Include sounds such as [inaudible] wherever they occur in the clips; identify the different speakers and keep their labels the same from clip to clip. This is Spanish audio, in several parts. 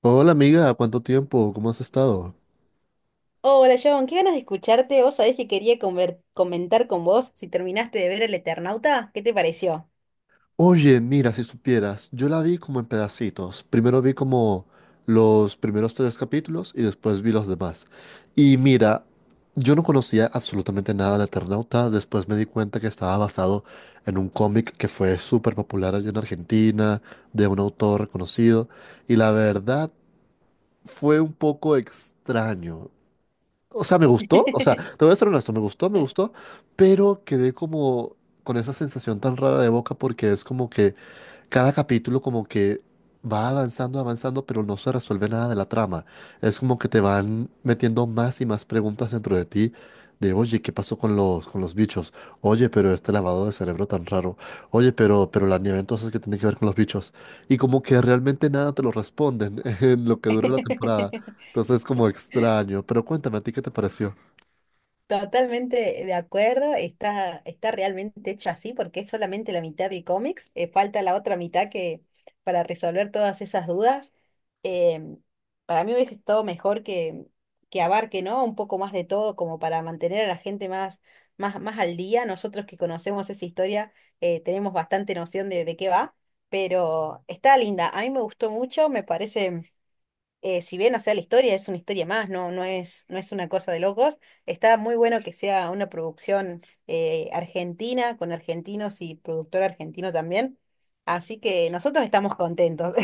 Speaker 1: Hola amiga, ¿cuánto tiempo? ¿Cómo has estado?
Speaker 2: Hola, John, qué ganas de escucharte. Vos sabés que quería comentar con vos si terminaste de ver El Eternauta. ¿Qué te pareció?
Speaker 1: Oye, mira, si supieras, yo la vi como en pedacitos. Primero vi como los primeros tres capítulos y después vi los demás. Y mira, yo no conocía absolutamente nada de Eternauta, después me di cuenta que estaba basado en un cómic que fue súper popular allá en Argentina, de un autor reconocido, y la verdad fue un poco extraño. O sea, me gustó, o sea, te voy a ser honesto, me gustó,
Speaker 2: [laughs]
Speaker 1: pero quedé como con esa sensación tan rara de boca porque es como que cada capítulo como que va avanzando, avanzando, pero no se resuelve nada de la trama. Es como que te van metiendo más y más preguntas dentro de ti de, oye, ¿qué pasó con los bichos? Oye, pero este lavado de cerebro tan raro. Oye, pero la nieve entonces, ¿qué tiene que ver con los bichos? Y como que realmente nada te lo responden [laughs] en lo que dura la temporada. Entonces es como extraño. Pero cuéntame, ¿a ti qué te pareció?
Speaker 2: Totalmente de acuerdo, está realmente hecho así porque es solamente la mitad de cómics, falta la otra mitad que para resolver todas esas dudas. Em, para mí hubiese estado mejor que abarque, ¿no? Un poco más de todo como para mantener a la gente más, más al día. Nosotros que conocemos esa historia tenemos bastante noción de qué va, pero está linda, a mí me gustó mucho, me parece si bien, o sea, la historia es una historia más, no, no es una cosa de locos, está muy bueno que sea una producción argentina, con argentinos y productor argentino también. Así que nosotros estamos contentos.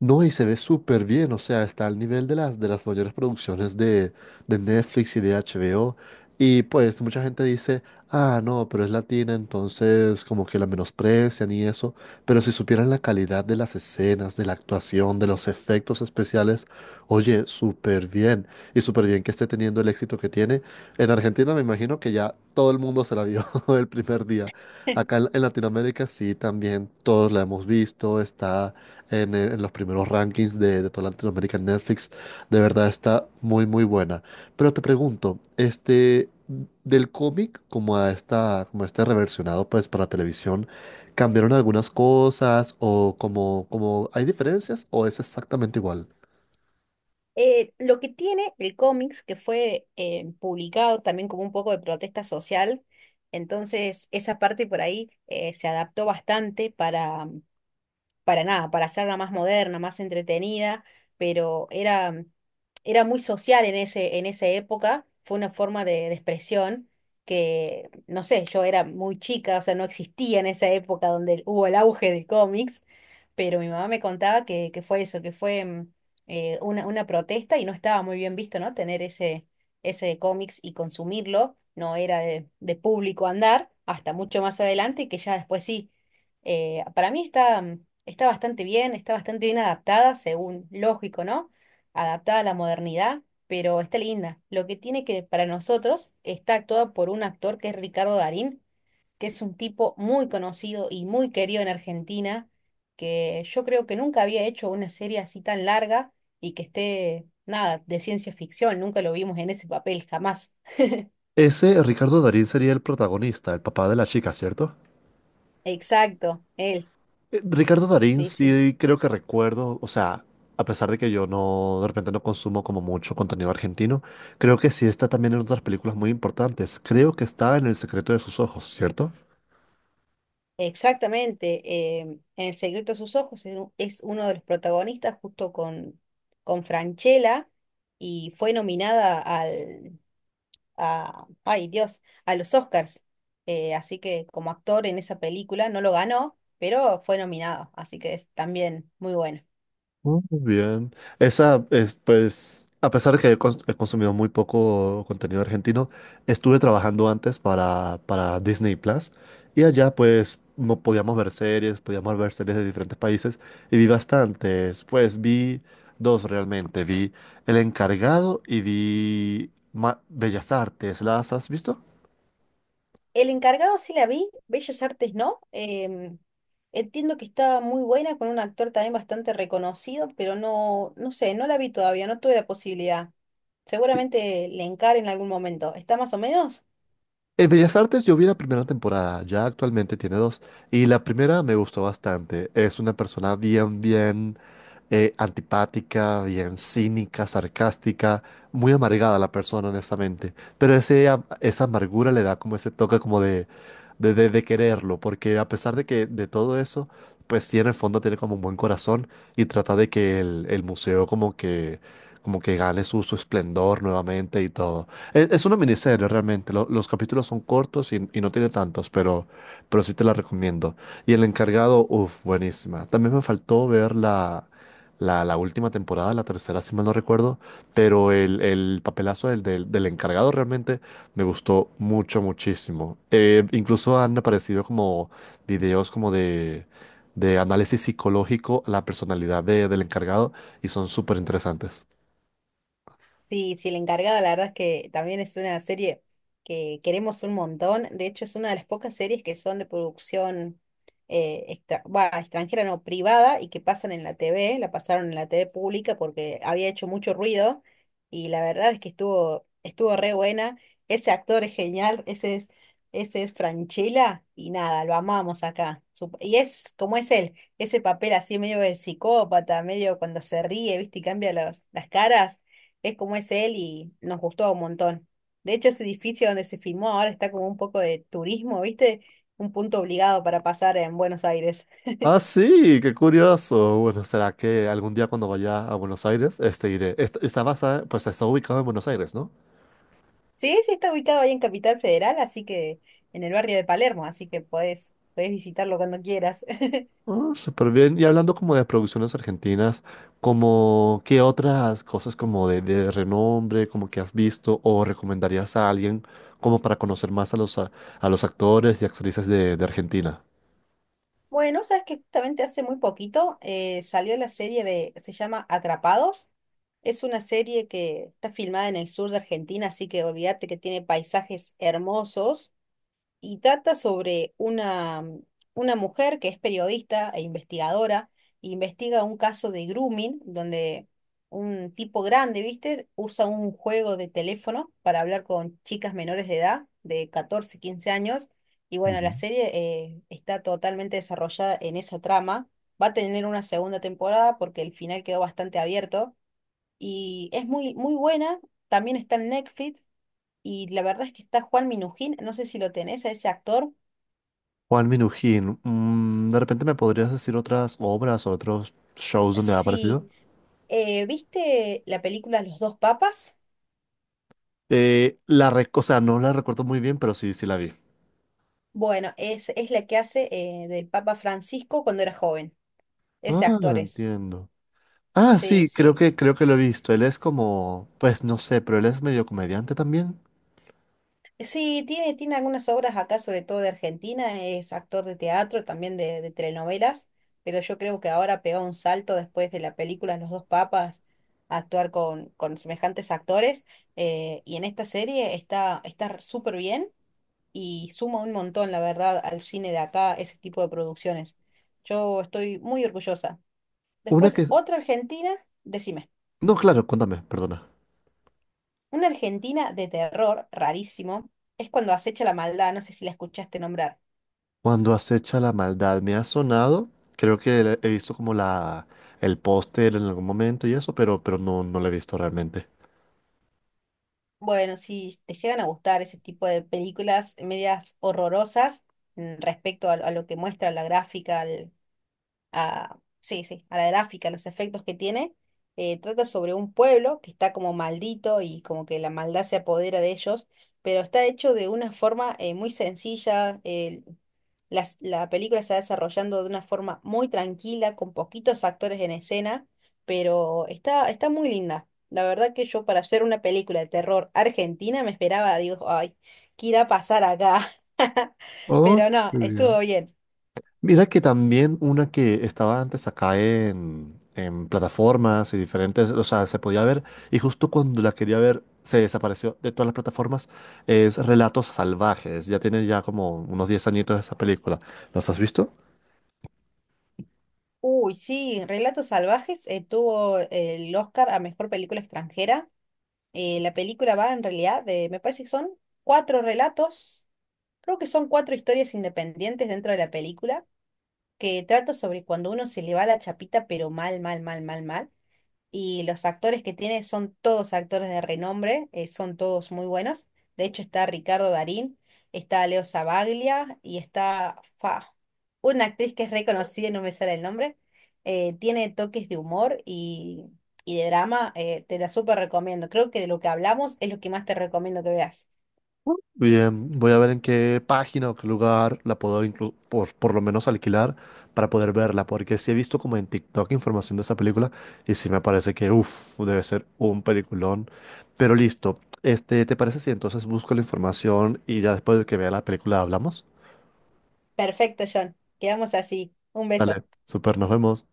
Speaker 1: No, y se ve súper bien, o sea, está al nivel de las mayores producciones de Netflix y de HBO. Y pues mucha gente dice, ah, no, pero es latina, entonces como que la menosprecian y eso. Pero si supieran la calidad de las escenas, de la actuación, de los efectos especiales, oye, súper bien. Y súper bien que esté teniendo el éxito que tiene. En Argentina me imagino que ya todo el mundo se la vio [laughs] el primer día. Acá
Speaker 2: [laughs]
Speaker 1: en Latinoamérica sí, también todos la hemos visto, está en los primeros rankings de toda Latinoamérica en Netflix. De verdad está muy, muy buena. Pero te pregunto, este, del cómic como a esta, como a este reversionado pues para televisión, ¿cambiaron algunas cosas o como, como hay diferencias o es exactamente igual?
Speaker 2: Lo que tiene el cómics, que fue publicado también como un poco de protesta social, entonces esa parte por ahí se adaptó bastante para nada, para hacerla más moderna, más entretenida, pero era, era muy social en en esa época, fue una forma de expresión que, no sé, yo era muy chica, o sea, no existía en esa época donde hubo el auge del cómics, pero mi mamá me contaba que fue eso, que fue una protesta y no estaba muy bien visto, ¿no? Tener ese cómics y consumirlo, no era de público andar, hasta mucho más adelante, que ya después sí. Para mí está, está bastante bien, está bastante bien adaptada, según lógico, ¿no? Adaptada a la modernidad, pero está linda. Lo que tiene que para nosotros está actuada por un actor que es Ricardo Darín, que es un tipo muy conocido y muy querido en Argentina, que yo creo que nunca había hecho una serie así tan larga y que esté, nada, de ciencia ficción, nunca lo vimos en ese papel, jamás.
Speaker 1: Ese Ricardo Darín sería el protagonista, el papá de la chica, ¿cierto?
Speaker 2: Exacto, él,
Speaker 1: Ricardo Darín,
Speaker 2: sí, sí.
Speaker 1: sí creo que recuerdo, o sea, a pesar de que yo no, de repente no consumo como mucho contenido argentino, creo que sí está también en otras películas muy importantes. Creo que está en El secreto de sus ojos, ¿cierto?
Speaker 2: Exactamente, en El secreto de sus ojos es uno de los protagonistas justo con Francella y fue nominada a, ay Dios, a los Oscars. Así que como actor en esa película no lo ganó, pero fue nominado, así que es también muy bueno.
Speaker 1: Muy bien. Esa es, pues, a pesar de que he, cons- he consumido muy poco contenido argentino, estuve trabajando antes para Disney Plus y allá, pues, no podíamos ver series, podíamos ver series de diferentes países y vi bastantes. Pues vi dos realmente. Vi El Encargado y vi Ma- Bellas Artes. ¿Las has visto?
Speaker 2: El Encargado sí la vi, Bellas Artes no. Entiendo que estaba muy buena con un actor también bastante reconocido, pero no, no sé, no la vi todavía, no tuve la posibilidad. Seguramente le encare en algún momento. ¿Está más o menos?
Speaker 1: En Bellas Artes yo vi la primera temporada, ya actualmente tiene dos, y la primera me gustó bastante. Es una persona bien, bien antipática, bien cínica, sarcástica, muy amargada la persona, honestamente. Pero ese, am- esa amargura le da como ese toque como de, de quererlo, porque a pesar de que de todo eso, pues sí en el fondo tiene como un buen corazón y trata de que el museo como que gane su, su esplendor nuevamente y todo. Es una miniserie realmente. Los capítulos son cortos y no tiene tantos, pero sí te la recomiendo. Y El Encargado, uff, buenísima. También me faltó ver la, la última temporada, la tercera, si mal no recuerdo, pero el papelazo del Encargado realmente me gustó mucho, muchísimo. Incluso han aparecido como videos como de análisis psicológico a la personalidad de- del Encargado y son súper interesantes.
Speaker 2: Sí, sí, El Encargado, la verdad es que también es una serie que queremos un montón. De hecho, es una de las pocas series que son de producción extranjera, no, privada, y que pasan en la T V. La pasaron en la T V pública porque había hecho mucho ruido, y la verdad es que estuvo, estuvo re buena. Ese actor es genial, ese es Francella, y nada, lo amamos acá. Y es como es él, ese papel así medio de psicópata, medio cuando se ríe, ¿viste? Y cambia las caras, es como es él y nos gustó un montón. De hecho, ese edificio donde se filmó ahora está como un poco de turismo, ¿viste? Un punto obligado para pasar en Buenos Aires.
Speaker 1: Ah, sí, qué curioso. Bueno, será que algún día cuando vaya a Buenos Aires, este iré. Est- está basada, pues está ubicado en Buenos Aires, ¿no?
Speaker 2: Sí, sí, está ubicado ahí en Capital Federal, así que en el barrio de Palermo, así que podés, podés visitarlo cuando quieras. [laughs]
Speaker 1: Ah, súper bien. Y hablando como de producciones argentinas, como qué otras cosas como de renombre, como que has visto o recomendarías a alguien como para conocer más a los actores y actrices de Argentina.
Speaker 2: Bueno, sabes que justamente hace muy poquito salió la serie de, se llama Atrapados. Es una serie que está filmada en el sur de Argentina, así que olvídate que tiene paisajes hermosos y trata sobre una, una mujer que es periodista e investigadora, e investiga un caso de grooming, donde un tipo grande, ¿viste? Usa un juego de teléfono para hablar con chicas menores de edad, de 14 15 años, y bueno, la
Speaker 1: Ujú.
Speaker 2: serie está totalmente desarrollada en esa trama. Va a tener una segunda temporada porque el final quedó bastante abierto y es muy, muy buena. También está en Netflix y la verdad es que está Juan Minujín, no sé si lo tenés, a ese actor.
Speaker 1: Juan Minujín, mm, ¿de repente me podrías decir otras obras o otros shows donde ha aparecido?
Speaker 2: Sí, ¿viste la película Los dos papas?
Speaker 1: La rec- o sea, no la recuerdo muy bien, pero sí, sí la vi.
Speaker 2: Bueno, es la que hace del Papa Francisco cuando era joven. Ese
Speaker 1: Ah,
Speaker 2: actor es.
Speaker 1: entiendo. Ah,
Speaker 2: Sí,
Speaker 1: sí,
Speaker 2: sí.
Speaker 1: creo que lo he visto. Él es como, pues no sé, pero él es medio comediante también.
Speaker 2: Sí, tiene algunas obras acá, sobre todo de Argentina. Es actor de teatro, también de telenovelas. Pero yo creo que ahora pegó un salto después de la película Los dos papas a actuar con semejantes actores. Y en esta serie está súper bien. Y suma un montón, la verdad, al cine de acá, ese tipo de producciones. Yo estoy muy orgullosa.
Speaker 1: Una
Speaker 2: Después,
Speaker 1: que...
Speaker 2: otra Argentina, decime,
Speaker 1: No, claro, cuéntame, perdona.
Speaker 2: una Argentina de terror, rarísimo, es cuando acecha la maldad, no sé si la escuchaste nombrar.
Speaker 1: Cuando acecha la maldad, me ha sonado. Creo que le- he visto como la, el póster en algún momento y eso, pero no, no lo he visto realmente.
Speaker 2: Bueno, si te llegan a gustar ese tipo de películas medias horrorosas respecto a lo que muestra la gráfica, sí, sí, a la gráfica, los efectos que tiene, trata sobre un pueblo que está como maldito y como que la maldad se apodera de ellos, pero está hecho de una forma muy sencilla. La película se va desarrollando de una forma muy tranquila, con poquitos actores en escena, pero está, está muy linda. La verdad que yo para hacer una película de terror argentina me esperaba, digo, ay, ¿qué irá a pasar acá? [laughs]
Speaker 1: Oh,
Speaker 2: Pero no,
Speaker 1: muy
Speaker 2: estuvo
Speaker 1: bien.
Speaker 2: bien.
Speaker 1: Mira que también una que estaba antes acá en plataformas y diferentes, o sea, se podía ver, y justo cuando la quería ver, se desapareció de todas las plataformas, es Relatos Salvajes. Ya tiene ya como unos 10 añitos esa película. ¿Las has visto?
Speaker 2: Uy, sí, Relatos Salvajes tuvo el Oscar a Mejor Película Extranjera. La película va en realidad de, me parece que son cuatro relatos, creo que son cuatro historias independientes dentro de la película que trata sobre cuando uno se le va la chapita, pero mal, mal, mal, mal, mal. Y los actores que tiene son todos actores de renombre, son todos muy buenos. De hecho, está Ricardo Darín, está Leo Sabaglia y está fa, una actriz que es reconocida, no me sale el nombre. Tiene toques de humor y de drama, te la súper recomiendo. Creo que de lo que hablamos es lo que más te recomiendo que veas.
Speaker 1: Bien, voy a ver en qué página o qué lugar la puedo inclu- por lo menos alquilar para poder verla, porque sí he visto como en TikTok información de esa película y sí me parece que, uff, debe ser un peliculón. Pero listo, este, ¿te parece si entonces busco la información y ya después de que vea la película hablamos?
Speaker 2: Perfecto, John. Quedamos así. Un beso.
Speaker 1: Dale, super, nos vemos.